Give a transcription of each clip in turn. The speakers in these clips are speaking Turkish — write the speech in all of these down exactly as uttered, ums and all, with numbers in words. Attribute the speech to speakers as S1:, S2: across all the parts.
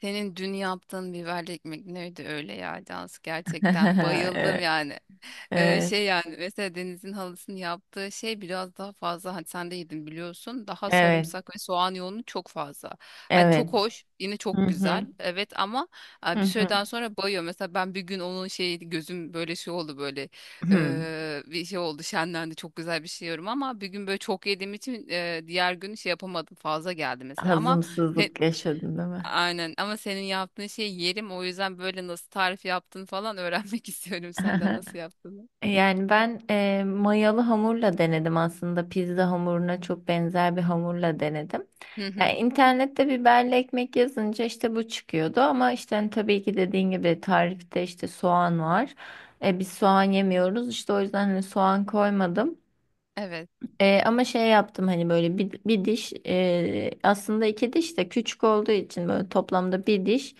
S1: Senin dün yaptığın biberli ekmek neydi öyle ya Cansu gerçekten bayıldım
S2: Evet,
S1: yani. Ee,
S2: evet,
S1: şey yani mesela Deniz'in halısının yaptığı şey biraz daha fazla hani sen de yedin biliyorsun daha
S2: evet,
S1: sarımsak ve soğan yoğunu çok fazla. Hani çok
S2: evet.
S1: hoş yine
S2: Hı
S1: çok
S2: hı,
S1: güzel evet ama
S2: hı
S1: e, bir
S2: hı.
S1: süreden sonra bayıyor. Mesela ben bir gün onun şey gözüm böyle şey oldu böyle
S2: Hı.
S1: e, bir şey oldu şenlendi çok güzel bir şey yiyorum ama bir gün böyle çok yediğim için e, diğer gün şey yapamadım fazla geldi mesela ama
S2: Hazımsızlık yaşadın değil mi?
S1: aynen ama senin yaptığın şeyi yerim o yüzden böyle nasıl tarif yaptın falan öğrenmek istiyorum senden nasıl yaptığını.
S2: Yani ben e, mayalı hamurla denedim aslında pizza hamuruna çok benzer bir hamurla denedim.
S1: Hı
S2: Yani
S1: hı.
S2: internette biberli ekmek yazınca işte bu çıkıyordu ama işte hani tabii ki dediğin gibi tarifte işte soğan var. E, biz soğan yemiyoruz işte o yüzden hani soğan koymadım.
S1: Evet.
S2: E, ama şey yaptım hani böyle bir, bir diş, e, aslında iki diş de küçük olduğu için böyle toplamda bir diş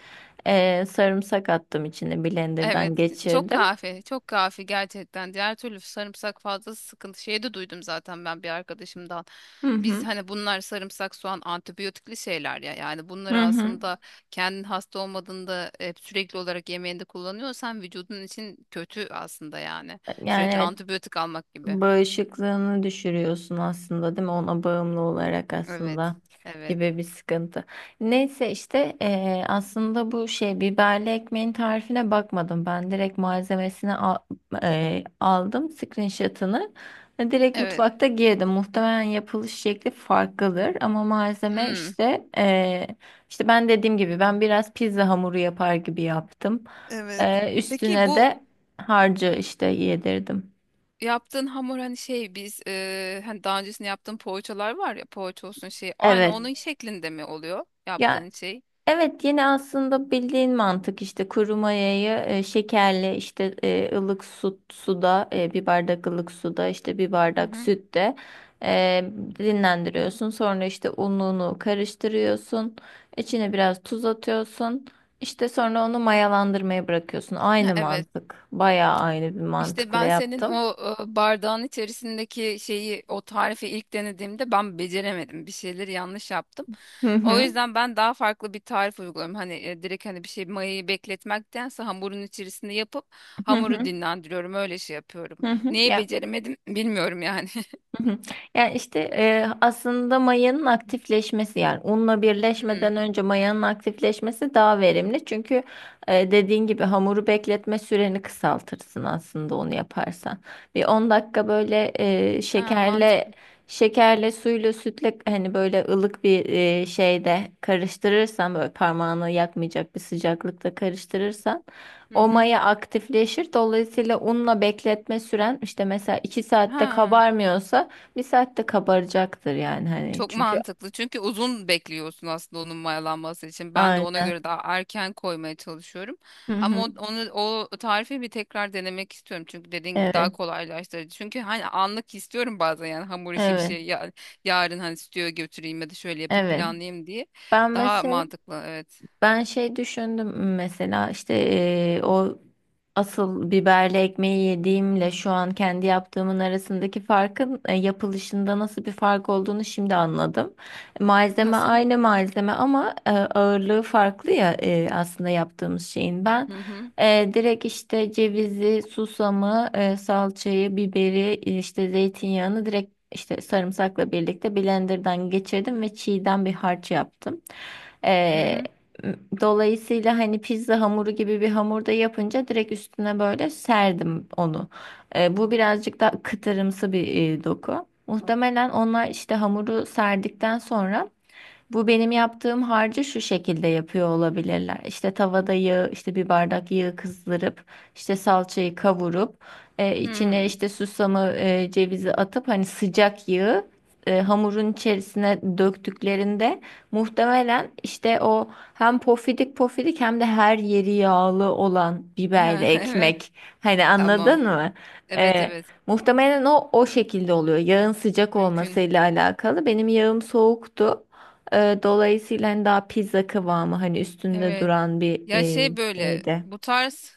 S2: e, sarımsak attım, içine blenderdan
S1: Evet. Çok
S2: geçirdim.
S1: kahve. Çok kahve gerçekten. Diğer türlü sarımsak fazlası sıkıntı. Şeyi de duydum zaten ben bir arkadaşımdan.
S2: Hı
S1: Biz
S2: hı.
S1: hani bunlar sarımsak, soğan antibiyotikli şeyler ya. Yani bunları
S2: Hı hı.
S1: aslında kendin hasta olmadığında hep sürekli olarak yemeğinde kullanıyorsan vücudun için kötü aslında yani.
S2: Yani
S1: Sürekli
S2: evet,
S1: antibiyotik almak gibi.
S2: bağışıklığını düşürüyorsun aslında değil mi? Ona bağımlı olarak
S1: Evet.
S2: aslında
S1: Evet.
S2: gibi bir sıkıntı. Neyse işte eee, aslında bu şey biberli ekmeğin tarifine bakmadım. Ben direkt malzemesini al- eee, aldım screenshot'ını. Ve Direkt
S1: Evet.
S2: mutfakta girdim. Muhtemelen yapılış şekli farklıdır ama malzeme işte eee, işte ben dediğim gibi ben biraz pizza hamuru yapar gibi yaptım.
S1: Evet.
S2: Eee,
S1: Peki
S2: üstüne
S1: bu
S2: de harcı işte yedirdim.
S1: yaptığın hamur hani şey biz e, hani daha öncesinde yaptığın poğaçalar var ya poğaça olsun şey aynı
S2: Evet.
S1: onun şeklinde mi oluyor
S2: Ya
S1: yaptığın şey?
S2: evet, yine aslında bildiğin mantık, işte kuru mayayı e, şekerle, işte e, ılık su, suda, e, bir bardak ılık suda, işte bir
S1: Hı
S2: bardak
S1: hı.
S2: sütte e, dinlendiriyorsun. Sonra işte ununu karıştırıyorsun. İçine biraz tuz atıyorsun. İşte sonra onu mayalandırmaya bırakıyorsun.
S1: Ha,
S2: Aynı
S1: evet.
S2: mantık. Bayağı aynı bir
S1: İşte
S2: mantıkla
S1: ben senin
S2: yaptım.
S1: o e, bardağın içerisindeki şeyi o tarifi ilk denediğimde ben beceremedim. Bir şeyleri yanlış yaptım.
S2: Hı
S1: O
S2: hı.
S1: yüzden ben daha farklı bir tarif uyguluyorum. Hani e, direkt hani bir şey mayayı bekletmektense hamurun içerisinde yapıp
S2: Hı
S1: hamuru
S2: hı.
S1: dinlendiriyorum. Öyle şey yapıyorum.
S2: Hı hı.
S1: Neyi
S2: Ya,
S1: beceremedim bilmiyorum yani.
S2: hı hı. Yani işte e, aslında mayanın aktifleşmesi, yani unla birleşmeden önce mayanın aktifleşmesi daha verimli. Çünkü e, dediğin gibi hamuru bekletme süreni kısaltırsın aslında onu yaparsan. Bir on dakika böyle e,
S1: Ha, mantık.
S2: şekerle şekerle suyla sütle, hani böyle ılık bir e, şeyde karıştırırsan, böyle parmağını yakmayacak bir sıcaklıkta karıştırırsan
S1: Hı
S2: o
S1: hı.
S2: maya aktifleşir. Dolayısıyla unla bekletme süren işte mesela iki saatte
S1: Ha,
S2: kabarmıyorsa bir saatte kabaracaktır, yani hani,
S1: çok
S2: çünkü
S1: mantıklı. Çünkü uzun bekliyorsun aslında onun mayalanması için. Ben de ona
S2: aynen.
S1: göre daha erken koymaya çalışıyorum.
S2: Hı
S1: Ama o-
S2: hı.
S1: onu o tarifi bir tekrar denemek istiyorum. Çünkü dediğin gibi daha
S2: Evet.
S1: kolaylaştırıcı. Çünkü hani anlık istiyorum bazen yani hamur işi bir
S2: Evet.
S1: şey ya, yarın hani stüdyoya götüreyim ya da şöyle yapayım
S2: Evet.
S1: planlayayım diye.
S2: Ben
S1: Daha
S2: mesela
S1: mantıklı evet.
S2: Ben şey düşündüm mesela, işte eee, o asıl biberli ekmeği yediğimle şu an kendi yaptığımın arasındaki farkın e, yapılışında nasıl bir fark olduğunu şimdi anladım. Malzeme
S1: Nasıl?
S2: aynı malzeme ama e, ağırlığı farklı ya e, aslında yaptığımız şeyin. Ben
S1: Hı hı.
S2: e, direkt işte cevizi, susamı, e, salçayı, biberi, işte zeytinyağını direkt işte sarımsakla birlikte blenderdan geçirdim ve çiğden bir harç yaptım.
S1: Hı hı.
S2: Dolayısıyla hani pizza hamuru gibi bir hamurda yapınca direkt üstüne böyle serdim onu. E, bu birazcık da kıtırımsı bir e, doku. Muhtemelen onlar işte hamuru serdikten sonra bu benim yaptığım harcı şu şekilde yapıyor olabilirler. İşte tavada yağı, işte bir bardak yağı kızdırıp, işte salçayı kavurup, e, içine
S1: Hı.
S2: işte susamı, e, cevizi atıp hani sıcak yağı e, hamurun içerisine döktüklerinde muhtemelen işte o hem pofidik pofidik hem de her yeri yağlı olan biberli
S1: Evet.
S2: ekmek. Hani
S1: Tamam.
S2: anladın mı?
S1: Evet,
S2: E,
S1: evet.
S2: Muhtemelen o o şekilde oluyor. Yağın sıcak
S1: Mümkün.
S2: olmasıyla alakalı. Benim yağım soğuktu. Ee, dolayısıyla hani daha pizza kıvamı, hani üstünde
S1: Evet.
S2: duran bir
S1: Ya
S2: e,
S1: şey böyle
S2: şeydi.
S1: bu tarz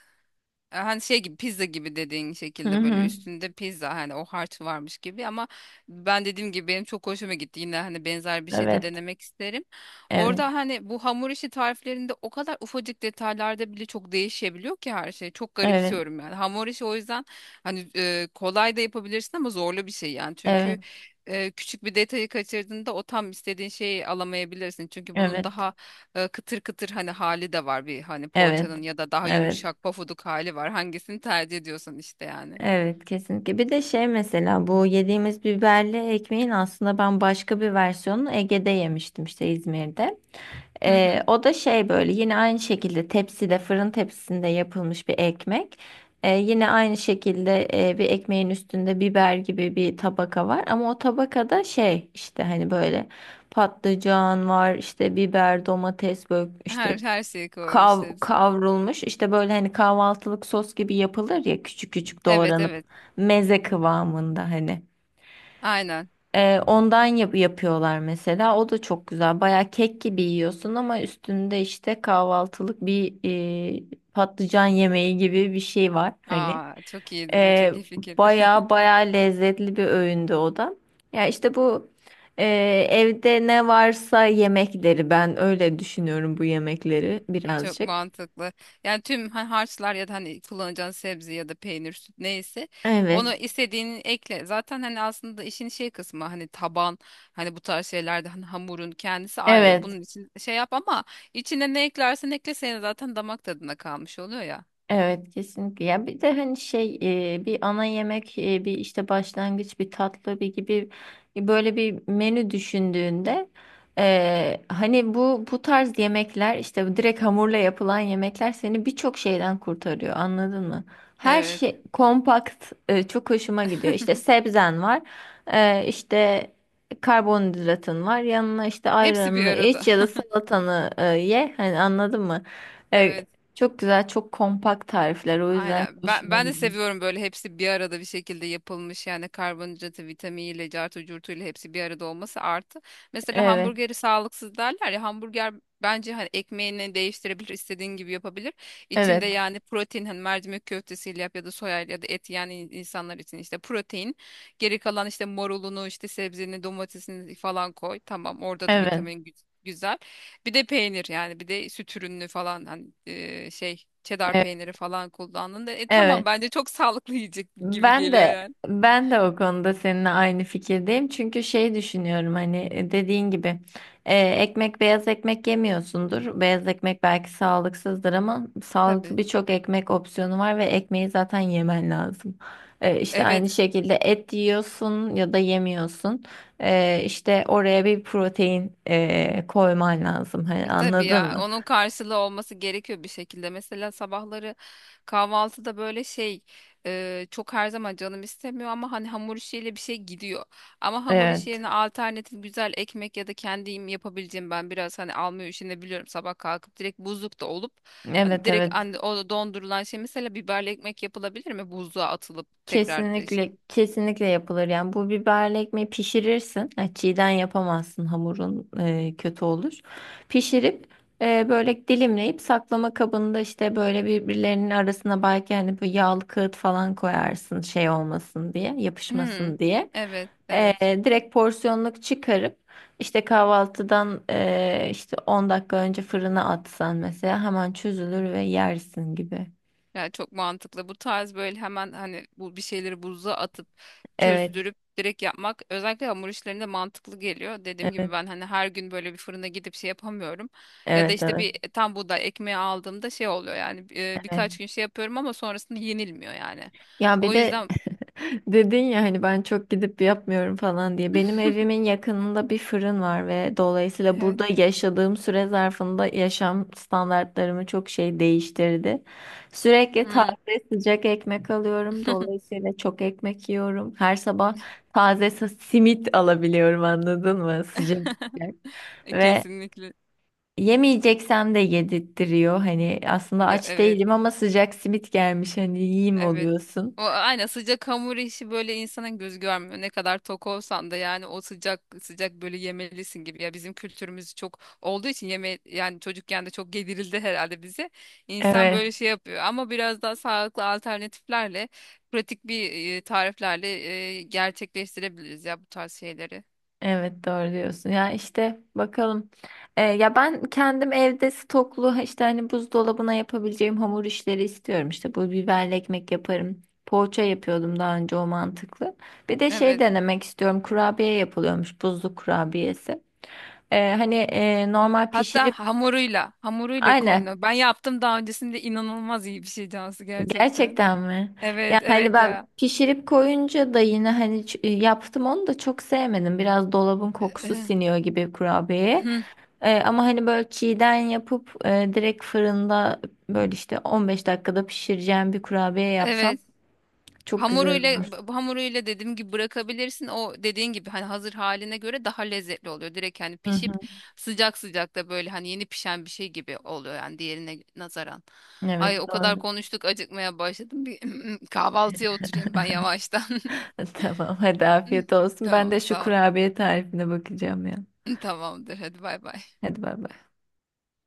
S1: e, hani şey gibi pizza gibi dediğin
S2: Hı
S1: şekilde böyle
S2: hı.
S1: üstünde pizza hani o harç varmış gibi ama ben dediğim gibi benim çok hoşuma gitti. Yine hani benzer bir şey de
S2: Evet,
S1: denemek isterim.
S2: evet,
S1: Orada hani bu hamur işi tariflerinde o kadar ufacık detaylarda bile çok değişebiliyor ki her şey. Çok
S2: evet,
S1: garipsiyorum yani. Hamur işi o yüzden hani e, kolay da yapabilirsin ama zorlu bir şey yani. Çünkü
S2: evet,
S1: e, küçük bir detayı kaçırdığında o tam istediğin şeyi alamayabilirsin. Çünkü bunun
S2: evet,
S1: daha e, kıtır kıtır hani hali de var bir hani
S2: evet,
S1: poğaçanın ya da daha
S2: evet,
S1: yumuşak pofuduk hali var. Hangisini tercih ediyorsan işte yani.
S2: evet, kesinlikle. Bir de şey mesela, bu yediğimiz biberli ekmeğin aslında ben başka bir versiyonunu Ege'de yemiştim, işte İzmir'de.
S1: Hı hı.
S2: Ee, o da şey, böyle yine aynı şekilde tepside, fırın tepsisinde yapılmış bir ekmek. Ee, yine aynı şekilde e, bir ekmeğin üstünde biber gibi bir tabaka var, ama o tabakada şey, işte hani böyle patlıcan var, işte biber, domates, böyle işte
S1: Her her şeyi
S2: kav
S1: koymuşlar.
S2: kavrulmuş, işte böyle hani kahvaltılık sos gibi yapılır ya, küçük küçük
S1: Evet,
S2: doğranıp
S1: evet.
S2: meze kıvamında, hani.
S1: Aynen.
S2: Ee, ondan yap- yapıyorlar mesela. O da çok güzel. Baya kek gibi yiyorsun ama üstünde işte kahvaltılık bir e, patlıcan yemeği gibi bir şey var, hani.
S1: Aa çok iyi duruyor.
S2: Ee,
S1: Çok iyi fikir.
S2: Baya baya lezzetli bir öğündü o da. Ya işte bu e, evde ne varsa yemekleri, ben öyle düşünüyorum bu yemekleri
S1: Çok
S2: birazcık.
S1: mantıklı. Yani tüm ha- harçlar ya da hani kullanacağın sebze ya da peynir, süt neyse onu
S2: Evet.
S1: istediğini ekle. Zaten hani aslında işin şey kısmı hani taban hani bu tarz şeylerde hani hamurun kendisi ayrı.
S2: Evet.
S1: Bunun için şey yap ama içine ne eklersen ekle senin zaten damak tadına kalmış oluyor ya.
S2: Evet, kesinlikle. Ya bir de hani şey, e, bir ana yemek, e, bir işte başlangıç, bir tatlı, bir gibi, böyle bir menü düşündüğünde e, hani bu bu tarz yemekler, işte direkt hamurla yapılan yemekler, seni birçok şeyden kurtarıyor, anladın mı? Her
S1: Evet.
S2: şey kompakt, e, çok hoşuma gidiyor. İşte sebzen var, e, işte karbonhidratın var, yanına işte
S1: Hepsi bir
S2: ayranını iç
S1: arada.
S2: ya da salatanı e, ye, hani anladın mı?
S1: Evet.
S2: Çok güzel, çok kompakt tarifler. O yüzden
S1: Aynen. Ben,
S2: hoşuma
S1: ben de
S2: gidiyor.
S1: seviyorum böyle hepsi bir arada bir şekilde yapılmış yani karbonhidratı, vitaminiyle, cartı, curtuyla hepsi bir arada olması artı. Mesela
S2: Evet,
S1: hamburgeri sağlıksız derler ya hamburger bence hani ekmeğini değiştirebilir, istediğin gibi yapabilir. İçinde
S2: evet,
S1: yani protein hani mercimek köftesiyle yap ya da soya ya da et yani in- insanlar için işte protein. Geri kalan işte marulunu, işte sebzeni, domatesini falan koy. Tamam orada da
S2: evet,
S1: vitamin gü- güzel. Bir de peynir yani bir de süt ürünü falan hani e, şey Çedar
S2: evet,
S1: peyniri falan kullandın da e, tamam
S2: evet.
S1: bence çok sağlıklı yiyecek gibi
S2: Ben
S1: geliyor
S2: de
S1: yani.
S2: ben de o konuda seninle aynı fikirdeyim. Çünkü şey düşünüyorum hani, e, dediğin gibi e, ekmek beyaz ekmek yemiyorsundur. Beyaz ekmek belki sağlıksızdır ama sağlıklı
S1: Tabii.
S2: birçok ekmek opsiyonu var ve ekmeği zaten yemen lazım. E, işte
S1: Evet
S2: aynı şekilde et yiyorsun ya da yemiyorsun. E, işte oraya bir protein e, koyman lazım. Hani
S1: tabii
S2: anladın
S1: ya
S2: mı?
S1: onun karşılığı olması gerekiyor bir şekilde. Mesela sabahları kahvaltıda böyle şey e, çok her zaman canım istemiyor ama hani hamur işiyle bir şey gidiyor. Ama hamur işi
S2: Evet.
S1: yerine alternatif güzel ekmek ya da kendim yapabileceğim ben biraz hani almaya üşenebiliyorum sabah kalkıp direkt buzlukta olup hani
S2: Evet,
S1: direkt
S2: evet.
S1: hani o dondurulan şey mesela biberli ekmek yapılabilir mi buzluğa atılıp tekrar.
S2: Kesinlikle, kesinlikle yapılır. Yani bu biberli ekmeği pişirirsin. Yani çiğden yapamazsın, hamurun e, kötü olur. Pişirip e, böyle dilimleyip saklama kabında, işte böyle birbirlerinin arasına belki hani bu yağlı kağıt falan koyarsın, şey olmasın diye,
S1: Hmm,
S2: yapışmasın diye.
S1: evet,
S2: E,
S1: evet.
S2: direkt porsiyonluk çıkarıp işte kahvaltıdan e, işte on dakika önce fırına atsan mesela, hemen çözülür ve yersin gibi.
S1: Yani çok mantıklı. Bu tarz böyle hemen hani bu bir şeyleri buzluğa atıp
S2: Evet,
S1: çözdürüp direkt yapmak özellikle hamur işlerinde mantıklı geliyor. Dediğim gibi
S2: evet,
S1: ben hani her gün böyle bir fırına gidip şey yapamıyorum. Ya da
S2: evet,
S1: işte
S2: evet,
S1: bir e, tam buğday ekmeği aldığımda şey oluyor yani e,
S2: evet.
S1: birkaç gün şey yapıyorum ama sonrasında yenilmiyor yani.
S2: Ya bir
S1: O
S2: de
S1: yüzden
S2: dedin ya, hani ben çok gidip yapmıyorum falan diye. Benim evimin yakınında bir fırın var ve dolayısıyla
S1: evet.
S2: burada yaşadığım süre zarfında yaşam standartlarımı çok şey değiştirdi. Sürekli taze
S1: Hmm.
S2: sıcak ekmek alıyorum. Dolayısıyla çok ekmek yiyorum. Her sabah taze sa- simit alabiliyorum, anladın mı? Sıcak sıcak. Ve
S1: Kesinlikle.
S2: yemeyeceksem de yedirtiyor. Hani aslında
S1: Ya,
S2: aç
S1: evet.
S2: değilim ama sıcak simit gelmiş, hani yiyeyim
S1: Evet.
S2: oluyorsun.
S1: O aynen sıcak hamur işi böyle insanın göz görmüyor. Ne kadar tok olsan da yani o sıcak sıcak böyle yemelisin gibi. Ya bizim kültürümüz çok olduğu için yeme yani çocukken de çok yedirildi herhalde bize. İnsan
S2: Evet.
S1: böyle şey yapıyor ama biraz daha sağlıklı alternatiflerle, pratik bir e, tariflerle e, gerçekleştirebiliriz ya bu tarz şeyleri.
S2: Evet, doğru diyorsun. Ya işte, bakalım. Ee, ya ben kendim evde stoklu, işte hani buzdolabına yapabileceğim hamur işleri istiyorum. İşte bu biberli ekmek yaparım. Poğaça yapıyordum daha önce, o mantıklı. Bir de şey
S1: Evet.
S2: denemek istiyorum, kurabiye yapılıyormuş, buzlu kurabiyesi. Ee, hani e, normal
S1: Hatta
S2: pişirip
S1: hamuruyla, hamuruyla
S2: aynen,
S1: konuyor. Ben yaptım daha öncesinde inanılmaz iyi bir şey Cansu gerçekten.
S2: gerçekten mi? Ya
S1: Evet,
S2: hani
S1: evet
S2: ben
S1: ya.
S2: pişirip koyunca da yine hani ç- e, yaptım, onu da çok sevmedim. Biraz dolabın kokusu
S1: Eh,
S2: siniyor gibi kurabiyeye.
S1: hı,
S2: E, ama hani böyle çiğden yapıp e, direkt fırında böyle işte on beş dakikada pişireceğim bir kurabiye yapsam
S1: evet.
S2: çok güzel
S1: Hamuruyla
S2: olur.
S1: b- hamuruyla dediğim gibi bırakabilirsin. O dediğin gibi hani hazır haline göre daha lezzetli oluyor. Direkt hani
S2: Hı
S1: pişip
S2: hı.
S1: sıcak sıcak da böyle hani yeni pişen bir şey gibi oluyor yani diğerine nazaran. Ay
S2: Evet,
S1: o kadar
S2: doğru.
S1: konuştuk acıkmaya başladım. Bir kahvaltıya oturayım ben yavaştan.
S2: Tamam, hadi afiyet olsun. Ben de
S1: Tamam
S2: şu
S1: sağ ol.
S2: kurabiye tarifine bakacağım ya.
S1: Tamamdır hadi bay bay.
S2: Hadi bay bay.